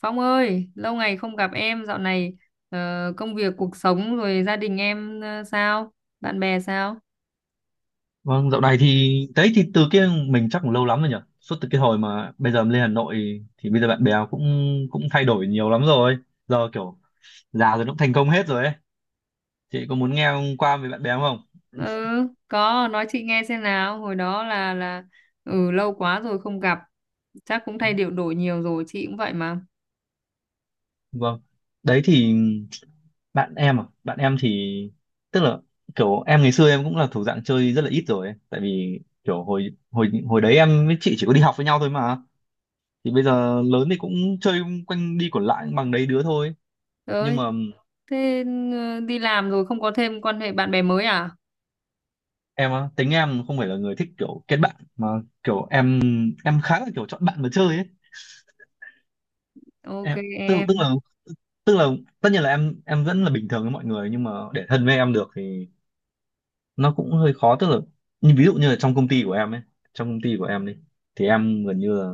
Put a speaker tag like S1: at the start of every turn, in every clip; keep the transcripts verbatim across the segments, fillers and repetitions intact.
S1: Phong ơi, lâu ngày không gặp em, dạo này ờ, công việc, cuộc sống rồi gia đình em ờ, sao? Bạn bè sao?
S2: Vâng, dạo này thì đấy thì từ kia mình chắc cũng lâu lắm rồi nhỉ. Suốt từ cái hồi mà bây giờ lên Hà Nội thì bây giờ bạn bè cũng cũng thay đổi nhiều lắm rồi. Giờ kiểu già rồi nó cũng thành công hết rồi ấy. Chị có muốn nghe qua về bạn bè không?
S1: Ừ, có, nói chị nghe xem nào. Hồi đó là là ừ lâu quá rồi không gặp, chắc cũng thay điệu đổi nhiều rồi, chị cũng vậy mà.
S2: Vâng. Đấy thì bạn em à, bạn em thì tức là kiểu em ngày xưa em cũng là thuộc dạng chơi rất là ít rồi ấy. Tại vì kiểu hồi hồi hồi đấy em với chị chỉ có đi học với nhau thôi mà. Thì bây giờ lớn thì cũng chơi quanh đi quẩn lại bằng đấy đứa thôi. Nhưng
S1: Ơi,
S2: mà
S1: thế ờ, đi làm rồi không có thêm quan hệ bạn bè mới à?
S2: em á, tính em không phải là người thích kiểu kết bạn, mà kiểu em em khá là kiểu chọn bạn mà chơi ấy.
S1: Ok
S2: Em tức tức
S1: em.
S2: là tức là tất nhiên là em em vẫn là bình thường với mọi người, nhưng mà để thân với em được thì nó cũng hơi khó. Tức là như ví dụ như là trong công ty của em ấy, trong công ty của em đi, thì em gần như là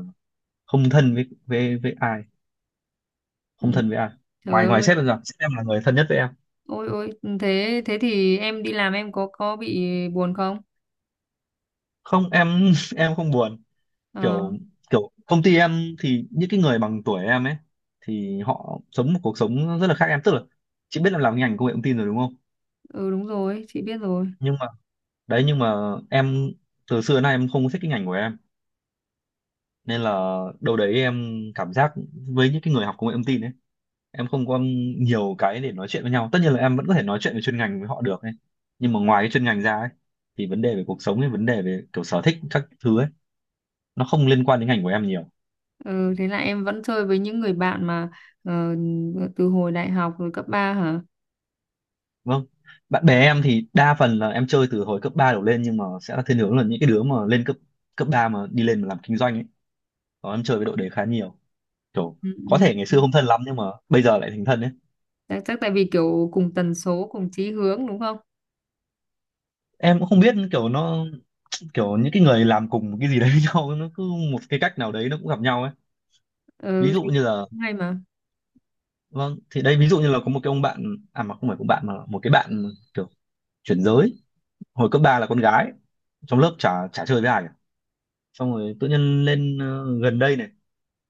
S2: không thân với với với ai,
S1: Ừ,
S2: không thân với ai
S1: trời
S2: ngoài ngoài
S1: ơi.
S2: sếp em ra, sếp em là người thân nhất với em.
S1: Ôi ôi, ừ, thế thế thì em đi làm em có có bị buồn không?
S2: Không em, em không buồn.
S1: Ờ,
S2: Kiểu kiểu công ty em thì những cái người bằng tuổi em ấy thì họ sống một cuộc sống rất là khác em. Tức là chị biết em làm ngành công nghệ thông tin rồi đúng không,
S1: ừ đúng rồi, chị biết rồi.
S2: nhưng mà đấy, nhưng mà em, từ xưa đến nay em không có thích cái ngành của em, nên là đâu đấy em cảm giác với những cái người học công nghệ thông tin ấy em không có nhiều cái để nói chuyện với nhau. Tất nhiên là em vẫn có thể nói chuyện về chuyên ngành với họ được ấy, nhưng mà ngoài cái chuyên ngành ra ấy, thì vấn đề về cuộc sống ấy, vấn đề về kiểu sở thích các thứ ấy, nó không liên quan đến ngành của em nhiều.
S1: Ừ, thế là em vẫn chơi với những người bạn mà ờ, từ hồi đại học rồi cấp ba hả?
S2: Vâng. Bạn bè em thì đa phần là em chơi từ hồi cấp ba đổ lên, nhưng mà sẽ là thiên hướng là những cái đứa mà lên cấp cấp ba mà đi lên mà làm kinh doanh ấy. Đó, em chơi với đội đấy khá nhiều. Kiểu
S1: Ừ,
S2: có thể ngày
S1: ừ.
S2: xưa không thân lắm nhưng mà bây giờ lại thành thân ấy.
S1: Chắc, chắc tại vì kiểu cùng tần số, cùng chí hướng đúng không?
S2: Em cũng không biết kiểu nó, kiểu những cái người làm cùng cái gì đấy với nhau nó cứ một cái cách nào đấy nó cũng gặp nhau ấy. Ví
S1: Ừ,
S2: dụ
S1: thế
S2: như là,
S1: cũng hay mà.
S2: vâng thì đây ví dụ như là có một cái ông bạn à, mà không phải ông bạn mà là một cái bạn kiểu chuyển giới. Hồi cấp ba là con gái, trong lớp chả chả chơi với ai cả. Xong rồi tự nhiên lên ờ, gần đây này,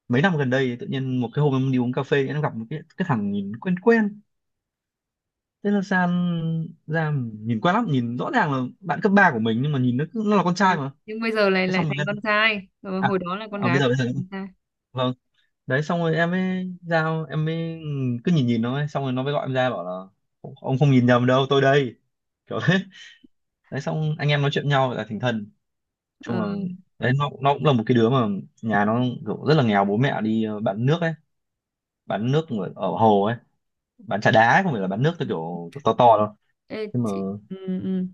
S2: mấy năm gần đây tự nhiên một cái hôm em đi uống cà phê em gặp một cái cái thằng nhìn quen quen, thế là san ra, nhìn quen lắm, nhìn rõ ràng là bạn cấp ba của mình, nhưng mà nhìn nó cứ- nó là con
S1: Ừ.
S2: trai mà.
S1: Nhưng bây giờ lại
S2: Thế
S1: lại
S2: xong mình
S1: thành
S2: lên
S1: con trai. Ờ,
S2: à,
S1: hồi đó là con
S2: à bây
S1: gái
S2: giờ,
S1: bây
S2: bây
S1: giờ
S2: giờ
S1: thành con trai.
S2: vâng. Đấy, xong rồi em mới giao em mới cứ nhìn nhìn nó ấy. Xong rồi nó mới gọi em ra bảo là ông không nhìn nhầm đâu, tôi đây, kiểu thế. Đấy, xong anh em nói chuyện nhau là thành thân. Chung
S1: Ờ,
S2: là đấy, nó nó cũng là một cái đứa mà nhà nó kiểu rất là nghèo, bố mẹ đi ờ, bán nước ấy, bán nước ở, ở hồ ấy, bán trà đá, không phải là bán nước theo kiểu, kiểu to to đâu.
S1: ê,
S2: Nhưng mà
S1: chị, ừ, ừ.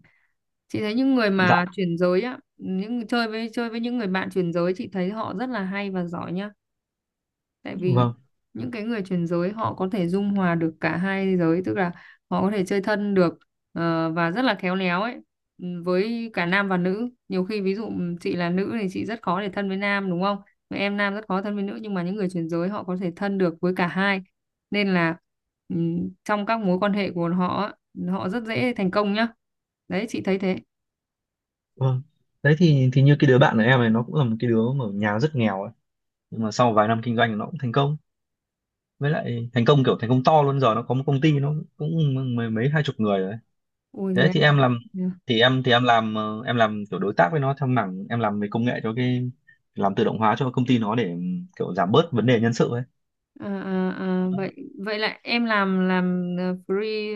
S1: Chị thấy những người
S2: dạ,
S1: mà chuyển giới á, những chơi với chơi với những người bạn chuyển giới chị thấy họ rất là hay và giỏi nhá. Tại vì
S2: vâng
S1: những cái người chuyển giới họ có thể dung hòa được cả hai giới, tức là họ có thể chơi thân được, ờ, và rất là khéo léo ấy, ừ, với cả nam và nữ. Nhiều khi ví dụ ừ, chị là nữ thì chị rất khó để thân với nam đúng không? Mà em nam rất khó thân với nữ, nhưng mà những người chuyển giới họ có thể thân được với cả hai, nên là ừ, trong các mối quan hệ của họ á, họ rất dễ thành công nhá, đấy chị thấy thế.
S2: vâng. Đấy thì thì như cái đứa bạn của em này, nó cũng là một cái đứa mà ở nhà rất nghèo ấy, nhưng mà sau vài năm kinh doanh nó cũng thành công. Với lại thành công kiểu thành công to luôn, giờ nó có một công ty, nó cũng mấy, mấy hai chục người rồi đấy.
S1: Ui thế
S2: Thế
S1: à?
S2: thì em làm, thì em thì em làm ờ, em làm kiểu đối tác với nó theo mảng, em làm về công nghệ cho cái, làm tự động hóa cho công ty nó để kiểu giảm bớt vấn đề nhân sự ấy.
S1: À, à, à, vậy vậy là em làm làm ờ, free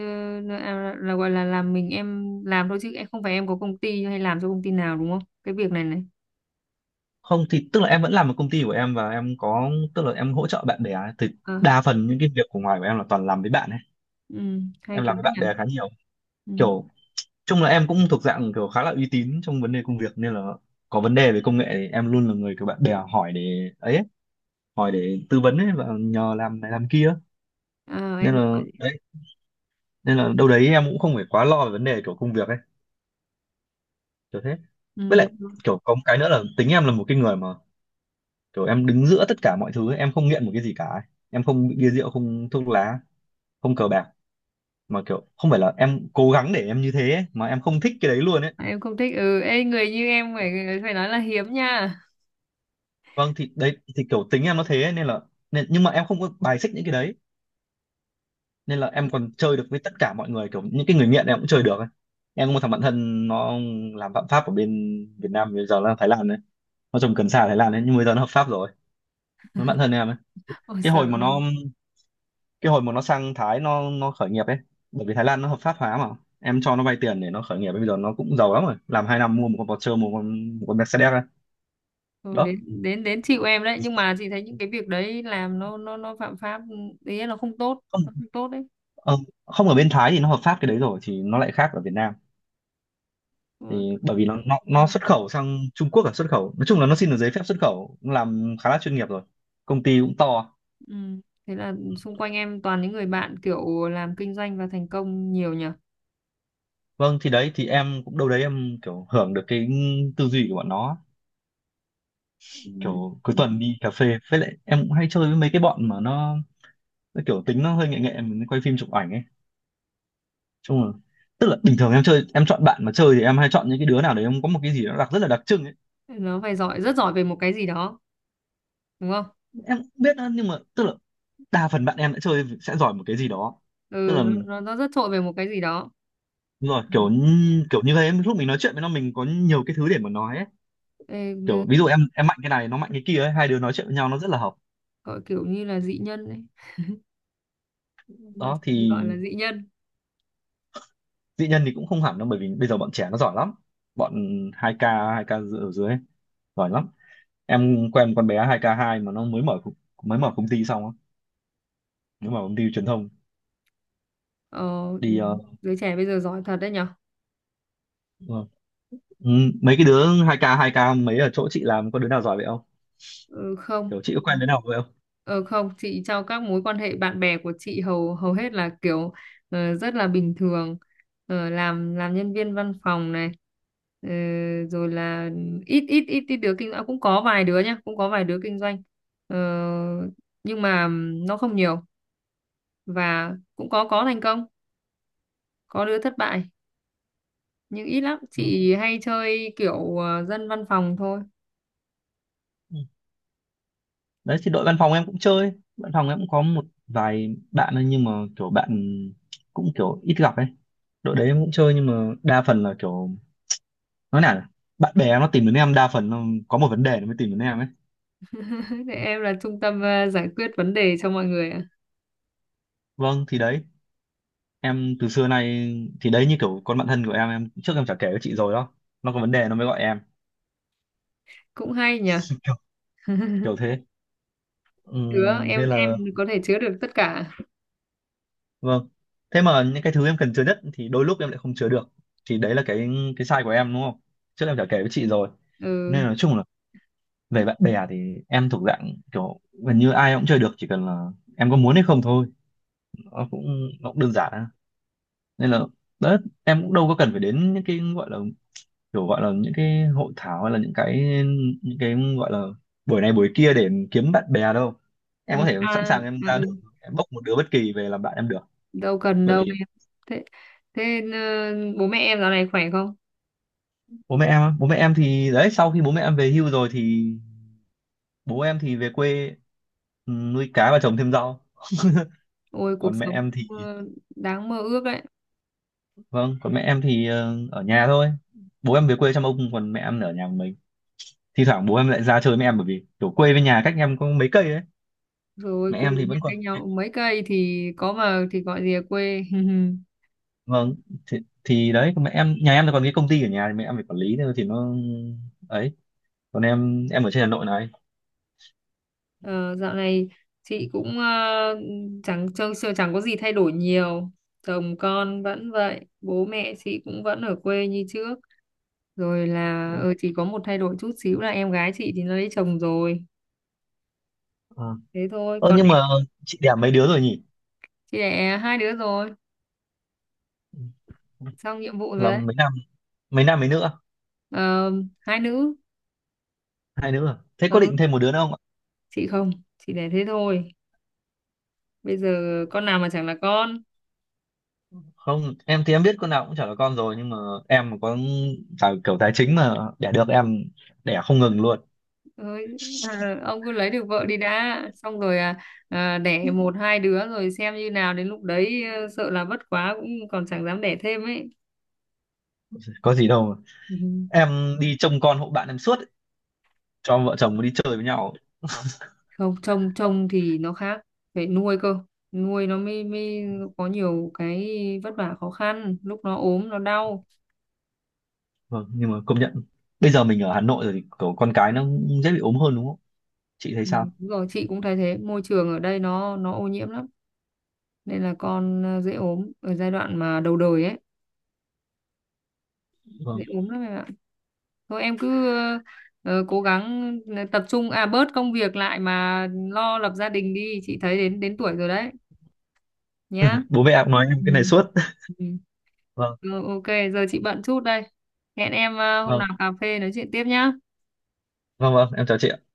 S1: ờ, à, là gọi là làm mình em làm thôi chứ em không phải em có công ty hay làm cho công ty nào đúng không? Cái việc này này.
S2: Không, thì tức là em vẫn làm ở công ty của em và em có, tức là em hỗ trợ bạn bè ấy. Thì
S1: Ờ,
S2: đa phần những cái việc của ngoài của em là toàn làm với bạn ấy.
S1: ừ, hay
S2: Em
S1: quá
S2: làm với bạn
S1: nhỉ.
S2: bè khá nhiều,
S1: Ừ.
S2: kiểu chung là em cũng thuộc dạng kiểu khá là uy tín trong vấn đề công việc, nên là có vấn đề về công nghệ thì em luôn là người kiểu bạn bè hỏi để ấy, ấy, hỏi để tư vấn ấy và nhờ làm này làm kia.
S1: Ờ,
S2: Nên
S1: em
S2: là
S1: gọi
S2: đấy, nên là đâu đấy em cũng không phải quá lo về vấn đề kiểu công việc ấy, kiểu thế.
S1: ừ,
S2: Với
S1: đúng
S2: lại
S1: rồi.
S2: kiểu có một cái nữa là tính em là một cái người mà kiểu em đứng giữa tất cả mọi thứ ấy. Em không nghiện một cái gì cả ấy. Em không bị bia rượu, không thuốc lá, không cờ bạc, mà kiểu không phải là em cố gắng để em như thế ấy, mà em không thích cái đấy luôn ấy.
S1: Em không thích ừ ê, người như em phải phải nói là hiếm nha.
S2: Vâng thì đấy thì kiểu tính em nó thế ấy, nên là nên, nhưng mà em không có bài xích những cái đấy, nên là em còn chơi được với tất cả mọi người, kiểu những cái người nghiện em cũng chơi được ấy. Em có một thằng bạn thân, nó làm phạm pháp ở bên Việt Nam, bây giờ là Thái Lan đấy, nó trồng cần sa ở Thái Lan đấy nhưng bây giờ nó hợp pháp rồi, nó bạn thân em ấy.
S1: Ôi
S2: cái
S1: trời
S2: hồi mà
S1: ơi.
S2: nó cái hồi mà nó sang Thái nó nó khởi nghiệp ấy, bởi vì Thái Lan nó hợp pháp hóa mà. Em cho nó vay tiền để nó khởi nghiệp, bây giờ nó cũng giàu lắm rồi, làm hai năm mua một con Porsche, mua một con một con Mercedes ấy.
S1: Ừ,
S2: Đó
S1: đến đến đến chịu em đấy, nhưng mà chị thấy những cái việc đấy làm nó nó nó phạm pháp ừ, ý là nó không tốt,
S2: không,
S1: nó không tốt đấy.
S2: ờ, không, ở bên Thái thì nó hợp pháp cái đấy rồi thì nó lại khác ở Việt Nam. Thì bởi vì nó nó, nó
S1: Ừ.
S2: xuất khẩu sang Trung Quốc, là xuất khẩu, nói chung là nó xin được giấy phép xuất khẩu, cũng làm khá là chuyên nghiệp rồi, công ty cũng to.
S1: Ừ. Thế là xung quanh em toàn những người bạn kiểu làm kinh doanh và thành công nhiều nhỉ?
S2: Vâng thì đấy thì em cũng đâu đấy em kiểu hưởng được cái tư duy của bọn nó.
S1: Ừ.
S2: Kiểu cuối
S1: Ừ.
S2: tuần đi cà phê, với lại em cũng hay chơi với mấy cái bọn mà nó, nó kiểu tính nó hơi nghệ nghệ, mình quay phim chụp ảnh ấy. Chung là, tức là bình thường em chơi, em chọn bạn mà chơi thì em hay chọn những cái đứa nào đấy em có một cái gì nó đặc, rất là đặc trưng ấy.
S1: Nó phải giỏi, rất giỏi về một cái gì đó, đúng không?
S2: Em cũng biết đó, nhưng mà tức là đa phần bạn em đã chơi sẽ giỏi một cái gì đó. Tức
S1: Ừ,
S2: là
S1: nó, nó nó rất trội về một cái gì đó.
S2: đúng rồi,
S1: Ừ.
S2: kiểu như- kiểu như thế, lúc mình nói chuyện với nó mình có nhiều cái thứ để mà nói ấy.
S1: Ê,
S2: Kiểu
S1: nơ-
S2: ví dụ em em mạnh cái này nó mạnh cái kia ấy, hai đứa nói chuyện với nhau nó rất là hợp.
S1: gọi kiểu như là dị nhân ấy. Gọi,
S2: Đó
S1: thì
S2: thì
S1: gọi là dị nhân.
S2: dĩ nhân thì cũng không hẳn đâu, bởi vì bây giờ bọn trẻ nó giỏi lắm. Bọn hai k hai k dự- ở dưới ấy, giỏi lắm. Em quen một con bé hai k hai mà nó mới mở co- mới mở công ty xong á, mới mở công ty truyền thông
S1: Ờ, ừ,
S2: đi. Ờ,
S1: giới trẻ bây giờ giỏi thật đấy nhỉ?
S2: ờ, ừ, mấy cái đứa hai k hai k mấy ở chỗ chị làm có đứa nào giỏi vậy không,
S1: Ừ, không.
S2: kiểu chị có quen đứa nào vậy không?
S1: Ờ không, chị trong các mối quan hệ bạn bè của chị hầu hầu hết là kiểu ờ, rất là bình thường, ờ, làm làm nhân viên văn phòng này, ờ, rồi là ít ít ít ít đứa kinh doanh, cũng có vài đứa nhá, cũng có vài đứa kinh doanh, ờ, nhưng mà nó không nhiều, và cũng có có thành công, có đứa thất bại, nhưng ít lắm. Chị hay chơi kiểu ờ, dân văn phòng thôi.
S2: Ừ. Đấy thì đội văn phòng em cũng chơi, văn phòng em cũng có một vài bạn ấy, nhưng mà kiểu bạn cũng kiểu ít gặp ấy. Đội đấy em cũng chơi nhưng mà đa phần là kiểu, nói nào nhỉ? Bạn bè nó tìm đến em đa phần nó có một vấn đề nó mới tìm đến em ấy.
S1: Để em là trung tâm ờ, giải quyết vấn đề cho mọi người ạ.
S2: Vâng thì đấy, em từ xưa nay, thì đấy như kiểu con bạn thân của em em trước em chả kể với chị rồi đó, nó có vấn đề nó mới gọi em.
S1: Cũng hay nhỉ.
S2: kiểu, kiểu thế.
S1: Chứa
S2: Ừm,
S1: em
S2: nên
S1: em
S2: là
S1: có thể chứa được tất cả.
S2: vâng, thế mà những cái thứ em cần chứa nhất thì đôi lúc em lại không chứa được, thì đấy là cái cái sai của em đúng không, trước em chả kể với chị rồi.
S1: Ừ.
S2: Nên là nói chung là về bạn bè thì em thuộc dạng kiểu gần như ai cũng chơi được, chỉ cần là em có muốn hay không thôi. nó cũng nó cũng đơn giản á. Nên là đấy, em cũng đâu có cần phải đến những cái gọi là kiểu gọi là những cái hội thảo, hay là những cái những cái gọi là buổi này buổi kia để kiếm bạn bè đâu. Em có
S1: Ừ.
S2: thể sẵn
S1: À,
S2: sàng em
S1: à,
S2: ra
S1: ừ.
S2: đường em bốc một đứa bất kỳ về làm bạn em được.
S1: Đâu cần
S2: Bởi
S1: đâu
S2: vì
S1: em. Thế thế ờ, bố mẹ em dạo này khỏe không?
S2: bố mẹ em bố mẹ em thì đấy, sau khi bố mẹ em về hưu rồi thì bố em thì về quê, ừ, nuôi cá và trồng thêm rau.
S1: Ôi cuộc
S2: Còn mẹ
S1: sống
S2: em thì
S1: ờ, đáng mơ ước đấy.
S2: vâng, còn mẹ em thì ờ, ở nhà thôi. Bố em về quê chăm ông, còn mẹ em ở nhà một mình. Thi thoảng bố em lại ra chơi với em bởi vì kiểu quê với nhà cách em có mấy cây ấy.
S1: Rồi
S2: Mẹ
S1: quê
S2: em thì
S1: nhà
S2: vẫn còn,
S1: cách nhau mấy cây thì có mà thì gọi gì là quê.
S2: vâng, thì, thì đấy còn mẹ em, nhà em thì còn cái công ty ở nhà thì mẹ em phải quản lý thôi, thì nó ấy. Còn em em ở trên Hà Nội này.
S1: Ờ, dạo này chị cũng ờ, chẳng chưa, chưa chẳng có gì thay đổi nhiều, chồng con vẫn vậy, bố mẹ chị cũng vẫn ở quê như trước, rồi là
S2: Ừ.
S1: ờ, chỉ có một thay đổi chút xíu là em gái chị thì nó lấy chồng rồi,
S2: Ờ.
S1: thế thôi
S2: Ơ,
S1: còn
S2: nhưng mà chị đẻ mấy đứa rồi nhỉ?
S1: chị đẻ hai đứa rồi, xong nhiệm vụ rồi
S2: Là
S1: đấy.
S2: mấy nam, mấy nam mấy nữ? À?
S1: Ờ, hai nữ.
S2: Hai nữ. À? Thế có
S1: Ừ
S2: định thêm một đứa nữa không?
S1: chị không, chị đẻ thế thôi. Bây giờ con nào mà chẳng là con.
S2: Không, em thì em biết con nào cũng chả là con rồi, nhưng mà em mà có tài, kiểu tài chính mà đẻ được em đẻ không ngừng luôn.
S1: Ôi, à, ông cứ lấy được vợ đi đã, xong rồi à, à, đẻ một hai đứa rồi xem như nào, đến lúc đấy ờ, sợ là vất quá cũng còn chẳng dám đẻ thêm ấy.
S2: Có gì đâu mà.
S1: Ừ.
S2: Em đi trông con hộ bạn em suốt ấy, cho vợ chồng đi chơi với nhau.
S1: Không, trông trông thì nó khác, phải nuôi cơ, nuôi nó mới mới có nhiều cái vất vả khó khăn lúc nó ốm nó đau.
S2: Vâng nhưng mà công nhận, bây giờ mình ở Hà Nội rồi thì kiểu con cái nó cũng dễ bị ốm hơn đúng không, chị thấy
S1: Ừ,
S2: sao?
S1: đúng rồi chị cũng thấy thế, môi trường ở đây nó nó ô nhiễm lắm, nên là con ờ, dễ ốm ở giai đoạn mà đầu đời ấy,
S2: Vâng,
S1: dễ ốm lắm em ạ. Thôi em cứ ờ, ờ, cố gắng ờ, tập trung à bớt công việc lại mà lo lập gia đình đi, chị thấy đến đến tuổi rồi đấy, nhá.
S2: bố mẹ em nói em
S1: Ừ.
S2: cái này suốt.
S1: Ừ.
S2: Vâng.
S1: Ừ, ok giờ chị bận chút đây, hẹn em ờ, hôm
S2: Vâng,
S1: nào cà phê nói chuyện tiếp nhá.
S2: vâng, vâng, em chào chị ạ.